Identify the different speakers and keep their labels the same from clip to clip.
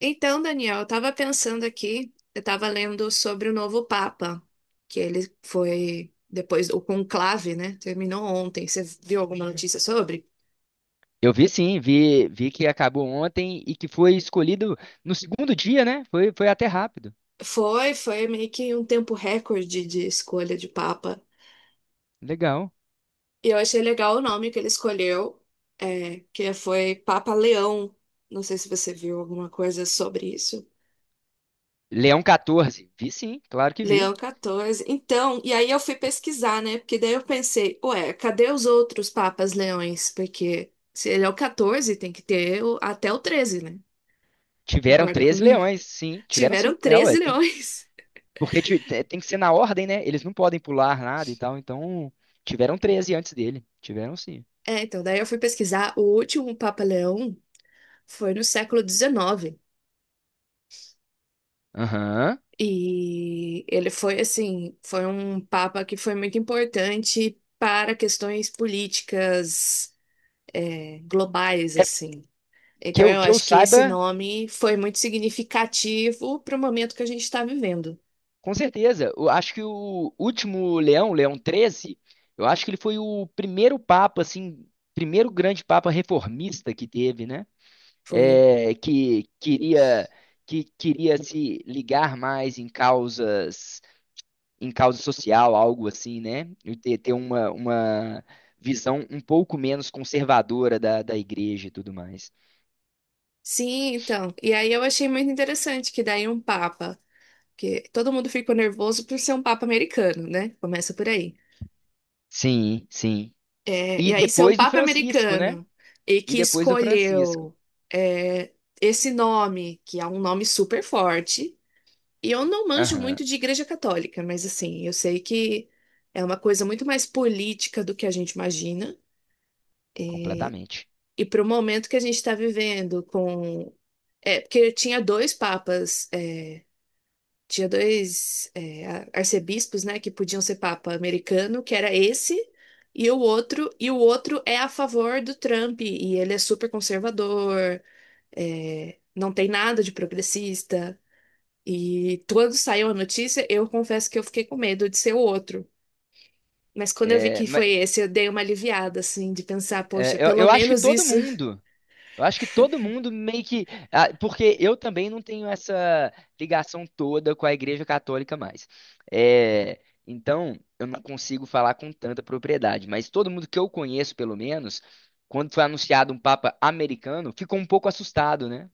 Speaker 1: Então, Daniel, eu estava pensando aqui, eu estava lendo sobre o novo Papa, que ele foi depois o conclave, né? Terminou ontem. Você viu alguma notícia sobre?
Speaker 2: Eu vi sim, vi que acabou ontem e que foi escolhido no segundo dia, né? Foi até rápido.
Speaker 1: Foi, foi meio que um tempo recorde de escolha de Papa.
Speaker 2: Legal.
Speaker 1: E eu achei legal o nome que ele escolheu, que foi Papa Leão. Não sei se você viu alguma coisa sobre isso.
Speaker 2: Leão XIV. Vi sim, claro que vi.
Speaker 1: Leão 14. Então, e aí eu fui pesquisar, né? Porque daí eu pensei, ué, cadê os outros papas leões? Porque se ele é o 14, tem que ter até o 13, né?
Speaker 2: Tiveram
Speaker 1: Concorda
Speaker 2: 13
Speaker 1: comigo?
Speaker 2: leões, sim. Tiveram
Speaker 1: Tiveram
Speaker 2: sim. É,
Speaker 1: 13
Speaker 2: ué,
Speaker 1: leões.
Speaker 2: porque tem que ser na ordem, né? Eles não podem pular nada e tal. Então, tiveram 13 antes dele. Tiveram sim.
Speaker 1: É, então, daí eu fui pesquisar. O último Papa Leão foi no século XIX.
Speaker 2: Aham.
Speaker 1: E ele foi, assim, foi um papa que foi muito importante para questões políticas, globais,
Speaker 2: É,
Speaker 1: assim.
Speaker 2: que
Speaker 1: Então,
Speaker 2: eu,
Speaker 1: eu
Speaker 2: que eu
Speaker 1: acho que esse
Speaker 2: saiba.
Speaker 1: nome foi muito significativo para o momento que a gente está vivendo.
Speaker 2: Com certeza. Eu acho que o último Leão, Leão XIII, eu acho que ele foi o primeiro papa, assim, primeiro grande papa reformista que teve, né?
Speaker 1: Foi.
Speaker 2: É, que queria se ligar mais em causas em causa social, algo assim, né? E ter uma visão um pouco menos conservadora da igreja e tudo mais.
Speaker 1: Sim, então. E aí eu achei muito interessante que daí um papa, que todo mundo ficou nervoso por ser um papa americano, né? Começa por aí.
Speaker 2: Sim, sim.
Speaker 1: É, e
Speaker 2: E
Speaker 1: aí ser um
Speaker 2: depois do
Speaker 1: papa
Speaker 2: Francisco, né?
Speaker 1: americano e
Speaker 2: E
Speaker 1: que
Speaker 2: depois do Francisco.
Speaker 1: escolheu é, esse nome, que é um nome super forte. E eu não manjo
Speaker 2: Aham,
Speaker 1: muito de igreja católica, mas assim, eu sei que é uma coisa muito mais política do que a gente imagina.
Speaker 2: completamente.
Speaker 1: E para o momento que a gente está vivendo, com. É, porque tinha dois papas, tinha dois arcebispos, né, que podiam ser papa americano, que era esse, e o outro é a favor do Trump, e ele é super conservador, não tem nada de progressista. E quando saiu a notícia, eu confesso que eu fiquei com medo de ser o outro. Mas quando eu vi
Speaker 2: É,
Speaker 1: que foi
Speaker 2: mas,
Speaker 1: esse, eu dei uma aliviada, assim, de pensar, poxa,
Speaker 2: é, eu,
Speaker 1: pelo
Speaker 2: eu acho que
Speaker 1: menos
Speaker 2: todo
Speaker 1: isso.
Speaker 2: mundo. Eu acho que todo mundo meio que. Ah, porque eu também não tenho essa ligação toda com a Igreja Católica mais. É, então, eu não consigo falar com tanta propriedade. Mas todo mundo que eu conheço, pelo menos, quando foi anunciado um Papa americano, ficou um pouco assustado, né?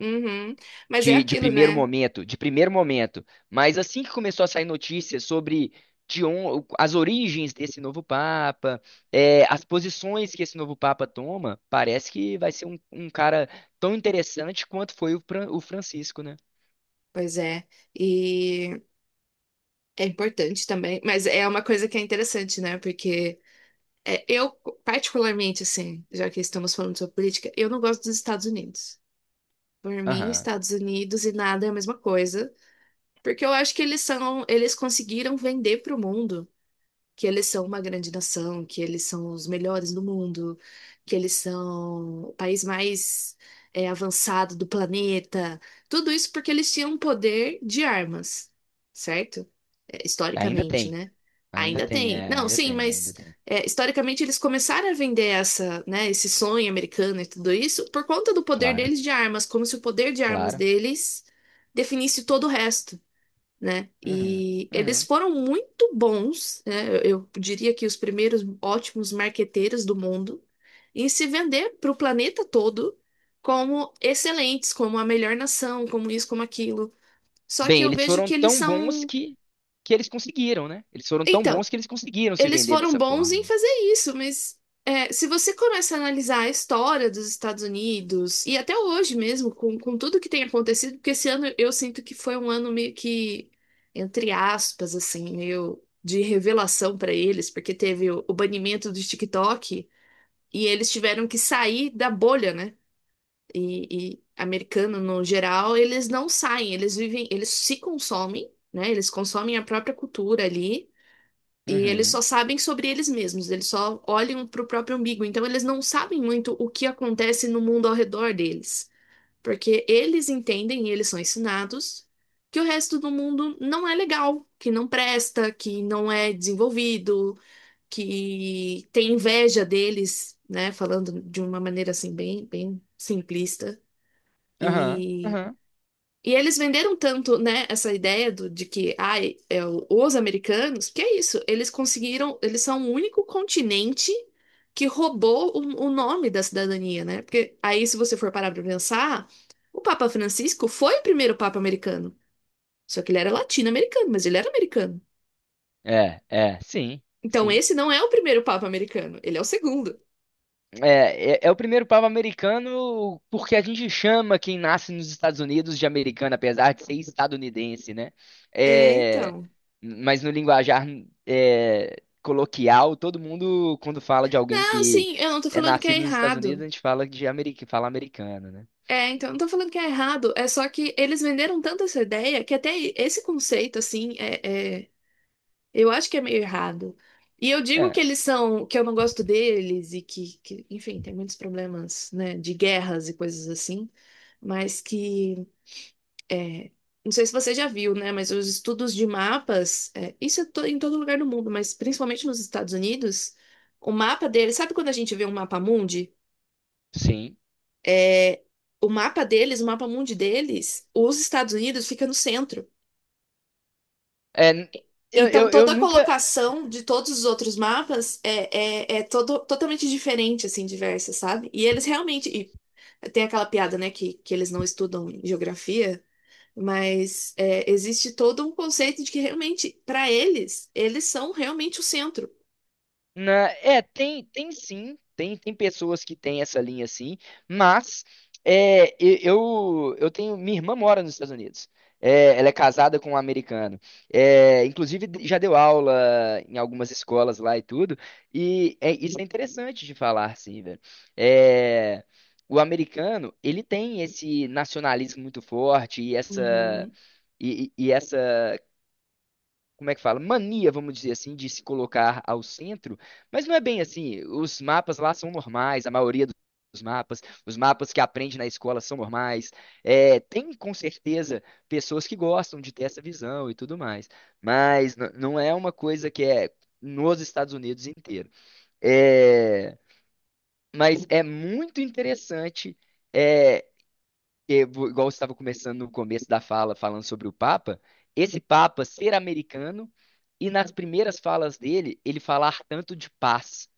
Speaker 1: Uhum. Mas é
Speaker 2: De
Speaker 1: aquilo,
Speaker 2: primeiro
Speaker 1: né?
Speaker 2: momento, de primeiro momento. Mas assim que começou a sair notícias sobre as origens desse novo Papa, é, as posições que esse novo Papa toma, parece que vai ser um cara tão interessante quanto foi o Francisco, né?
Speaker 1: Pois é, e é importante também, mas é uma coisa que é interessante, né? Porque eu particularmente, assim, já que estamos falando sobre política, eu não gosto dos Estados Unidos. Por mim,
Speaker 2: Aham.
Speaker 1: Estados Unidos e nada é a mesma coisa, porque eu acho que eles são, eles conseguiram vender para o mundo que eles são uma grande nação, que eles são os melhores do mundo, que eles são o país mais avançado do planeta. Tudo isso porque eles tinham um poder de armas, certo?
Speaker 2: Ainda
Speaker 1: Historicamente,
Speaker 2: tem,
Speaker 1: né?
Speaker 2: ainda
Speaker 1: Ainda
Speaker 2: tem,
Speaker 1: tem.
Speaker 2: é,
Speaker 1: Não,
Speaker 2: ainda
Speaker 1: sim,
Speaker 2: tem,
Speaker 1: mas
Speaker 2: ainda tem.
Speaker 1: historicamente eles começaram a vender essa, né, esse sonho americano e tudo isso por conta do poder
Speaker 2: Claro,
Speaker 1: deles de armas, como se o poder de armas
Speaker 2: claro.
Speaker 1: deles definisse todo o resto, né?
Speaker 2: Uhum,
Speaker 1: E eles
Speaker 2: uhum.
Speaker 1: foram muito bons, né? Eu diria que os primeiros ótimos marqueteiros do mundo em se vender para o planeta todo como excelentes, como a melhor nação, como isso, como aquilo. Só que
Speaker 2: Bem,
Speaker 1: eu
Speaker 2: eles
Speaker 1: vejo
Speaker 2: foram
Speaker 1: que eles
Speaker 2: tão bons
Speaker 1: são
Speaker 2: que eles conseguiram, né? Eles foram tão bons
Speaker 1: então,
Speaker 2: que eles conseguiram se
Speaker 1: eles
Speaker 2: vender
Speaker 1: foram
Speaker 2: dessa
Speaker 1: bons
Speaker 2: forma.
Speaker 1: em fazer isso, mas se você começa a analisar a história dos Estados Unidos, e até hoje mesmo, com tudo que tem acontecido, porque esse ano eu sinto que foi um ano meio que, entre aspas, assim, meio de revelação para eles, porque teve o banimento do TikTok e eles tiveram que sair da bolha, né? E americano no geral, eles não saem, eles vivem, eles se consomem, né? Eles consomem a própria cultura ali. E eles
Speaker 2: Uhum.
Speaker 1: só sabem sobre eles mesmos, eles só olham para o próprio umbigo. Então, eles não sabem muito o que acontece no mundo ao redor deles, porque eles entendem e eles são ensinados que o resto do mundo não é legal, que não presta, que não é desenvolvido, que tem inveja deles, né? Falando de uma maneira assim, bem, bem simplista.
Speaker 2: Aham.
Speaker 1: E
Speaker 2: Aham.
Speaker 1: e eles venderam tanto, né, essa ideia de que, ai, os americanos, que é isso, eles conseguiram, eles são o único continente que roubou o nome da cidadania, né? Porque aí, se você for parar pra pensar, o Papa Francisco foi o primeiro Papa americano. Só que ele era latino-americano, mas ele era americano.
Speaker 2: É, é, sim,
Speaker 1: Então,
Speaker 2: sim.
Speaker 1: esse não é o primeiro Papa americano, ele é o segundo.
Speaker 2: É o primeiro pavo americano porque a gente chama quem nasce nos Estados Unidos de americano, apesar de ser estadunidense, né?
Speaker 1: É,
Speaker 2: É,
Speaker 1: então.
Speaker 2: mas no linguajar coloquial, todo mundo, quando fala de alguém
Speaker 1: Não,
Speaker 2: que
Speaker 1: sim, eu não tô
Speaker 2: é
Speaker 1: falando que é
Speaker 2: nascido nos Estados Unidos,
Speaker 1: errado.
Speaker 2: a gente fala americano, né?
Speaker 1: É, então, não tô falando que é errado, é só que eles venderam tanto essa ideia que até esse conceito, assim, eu acho que é meio errado. E eu digo
Speaker 2: É,
Speaker 1: que eles são, que eu não gosto deles e que, enfim, tem muitos problemas, né, de guerras e coisas assim, mas que, é, não sei se você já viu, né, mas os estudos de mapas, isso é em todo lugar do mundo, mas principalmente nos Estados Unidos, o mapa deles, sabe quando a gente vê um mapa mundi?
Speaker 2: sim.
Speaker 1: É, o mapa deles, o mapa mundi deles, os Estados Unidos fica no centro.
Speaker 2: É, eu,
Speaker 1: Então,
Speaker 2: eu, eu
Speaker 1: toda a
Speaker 2: nunca.
Speaker 1: colocação de todos os outros mapas é todo, totalmente diferente, assim, diversa, sabe? E eles realmente. E tem aquela piada, né, que eles não estudam geografia, mas é, existe todo um conceito de que realmente, para eles, eles são realmente o centro.
Speaker 2: É, tem sim, tem pessoas que têm essa linha, sim, mas eu tenho, minha irmã mora nos Estados Unidos. É, ela é casada com um americano. É, inclusive já deu aula em algumas escolas lá e tudo. E isso é interessante de falar, sim, velho. É, o americano, ele tem esse nacionalismo muito forte e essa,
Speaker 1: Uhum,
Speaker 2: e essa, como é que fala, mania, vamos dizer assim, de se colocar ao centro, mas não é bem assim. Os mapas lá são normais, a maioria dos mapas, os mapas que aprende na escola são normais. É, tem com certeza pessoas que gostam de ter essa visão e tudo mais, mas não é uma coisa que é nos Estados Unidos inteiro. É, mas é muito interessante. é, porque, igual você estava começando no começo da fala, falando sobre o Papa, esse Papa ser americano e nas primeiras falas dele, ele falar tanto de paz,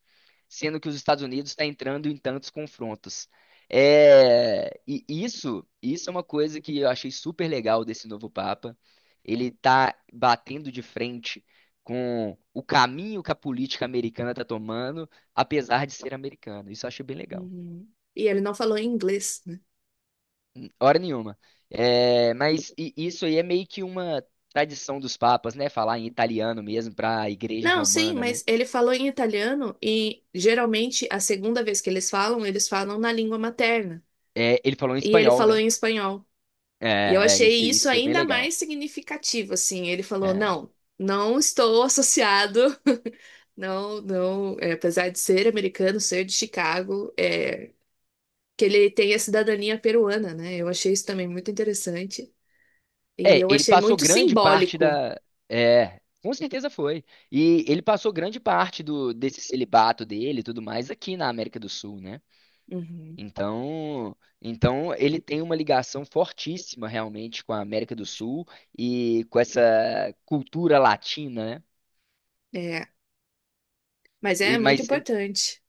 Speaker 2: sendo que os Estados Unidos está entrando em tantos confrontos. É, e isso é uma coisa que eu achei super legal desse novo Papa. Ele está batendo de frente com o caminho que a política americana está tomando, apesar de ser americano. Isso eu achei bem legal.
Speaker 1: uhum. E ele não falou em inglês.
Speaker 2: Hora nenhuma. É, mas isso aí é meio que uma tradição dos papas, né? Falar em italiano mesmo para a igreja
Speaker 1: Não, sim,
Speaker 2: romana, né?
Speaker 1: mas ele falou em italiano e geralmente a segunda vez que eles falam na língua materna.
Speaker 2: É, ele falou em
Speaker 1: E ele
Speaker 2: espanhol,
Speaker 1: falou
Speaker 2: né?
Speaker 1: em espanhol. E eu
Speaker 2: É, é, isso,
Speaker 1: achei
Speaker 2: isso
Speaker 1: isso
Speaker 2: foi bem
Speaker 1: ainda
Speaker 2: legal.
Speaker 1: mais significativo, assim. Ele falou:
Speaker 2: É.
Speaker 1: não, não estou associado, não, não, apesar de ser americano, ser de Chicago, que ele tem a cidadania peruana, né? Eu achei isso também muito interessante. E
Speaker 2: É,
Speaker 1: eu
Speaker 2: ele
Speaker 1: achei
Speaker 2: passou
Speaker 1: muito
Speaker 2: grande parte
Speaker 1: simbólico.
Speaker 2: da. É, com certeza foi. E ele passou grande parte desse celibato dele e tudo mais aqui na América do Sul, né?
Speaker 1: Uhum.
Speaker 2: Então, então ele tem uma ligação fortíssima realmente com a América do Sul e com essa cultura latina, né?
Speaker 1: É, mas
Speaker 2: E-
Speaker 1: é muito
Speaker 2: mas
Speaker 1: importante.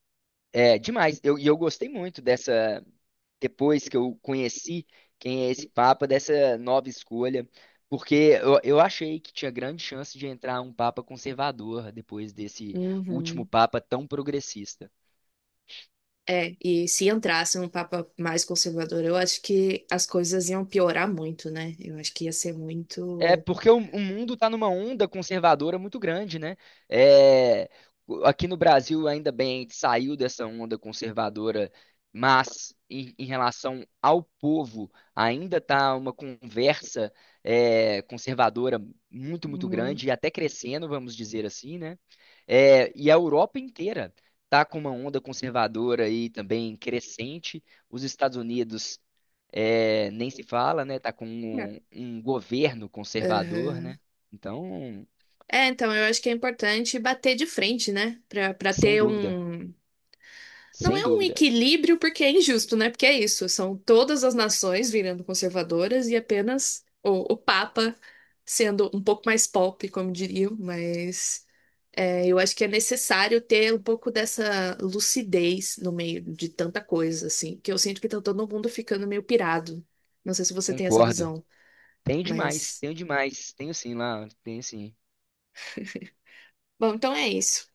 Speaker 2: é demais. Eu gostei muito dessa, depois que eu conheci quem é esse Papa, dessa nova escolha, porque eu achei que tinha grande chance de entrar um Papa conservador depois desse último
Speaker 1: Uhum.
Speaker 2: Papa tão progressista.
Speaker 1: É, e se entrasse um papa mais conservador, eu acho que as coisas iam piorar muito, né? Eu acho que ia ser
Speaker 2: É
Speaker 1: muito.
Speaker 2: porque o mundo está numa onda conservadora muito grande, né? É, aqui no Brasil, ainda bem, a gente saiu dessa onda conservadora, mas em relação ao povo, ainda está uma conversa conservadora muito, muito
Speaker 1: Uhum.
Speaker 2: grande e até crescendo, vamos dizer assim, né? É, e a Europa inteira está com uma onda conservadora aí também crescente. Os Estados Unidos nem se fala, né? Tá com
Speaker 1: É,
Speaker 2: um governo conservador,
Speaker 1: Aham.
Speaker 2: né? Então,
Speaker 1: É, então eu acho que é importante bater de frente, né? Pra
Speaker 2: sem
Speaker 1: ter
Speaker 2: dúvida,
Speaker 1: um. Não
Speaker 2: sem
Speaker 1: é um
Speaker 2: dúvida,
Speaker 1: equilíbrio porque é injusto, né? Porque é isso, são todas as nações virando conservadoras e apenas o Papa sendo um pouco mais pop, como diriam, mas. É, eu acho que é necessário ter um pouco dessa lucidez no meio de tanta coisa, assim, que eu sinto que tá todo mundo ficando meio pirado. Não sei se você tem essa
Speaker 2: concordo.
Speaker 1: visão,
Speaker 2: Tenho demais,
Speaker 1: mas.
Speaker 2: tenho demais, tenho sim lá, tenho sim.
Speaker 1: Bom, então é isso.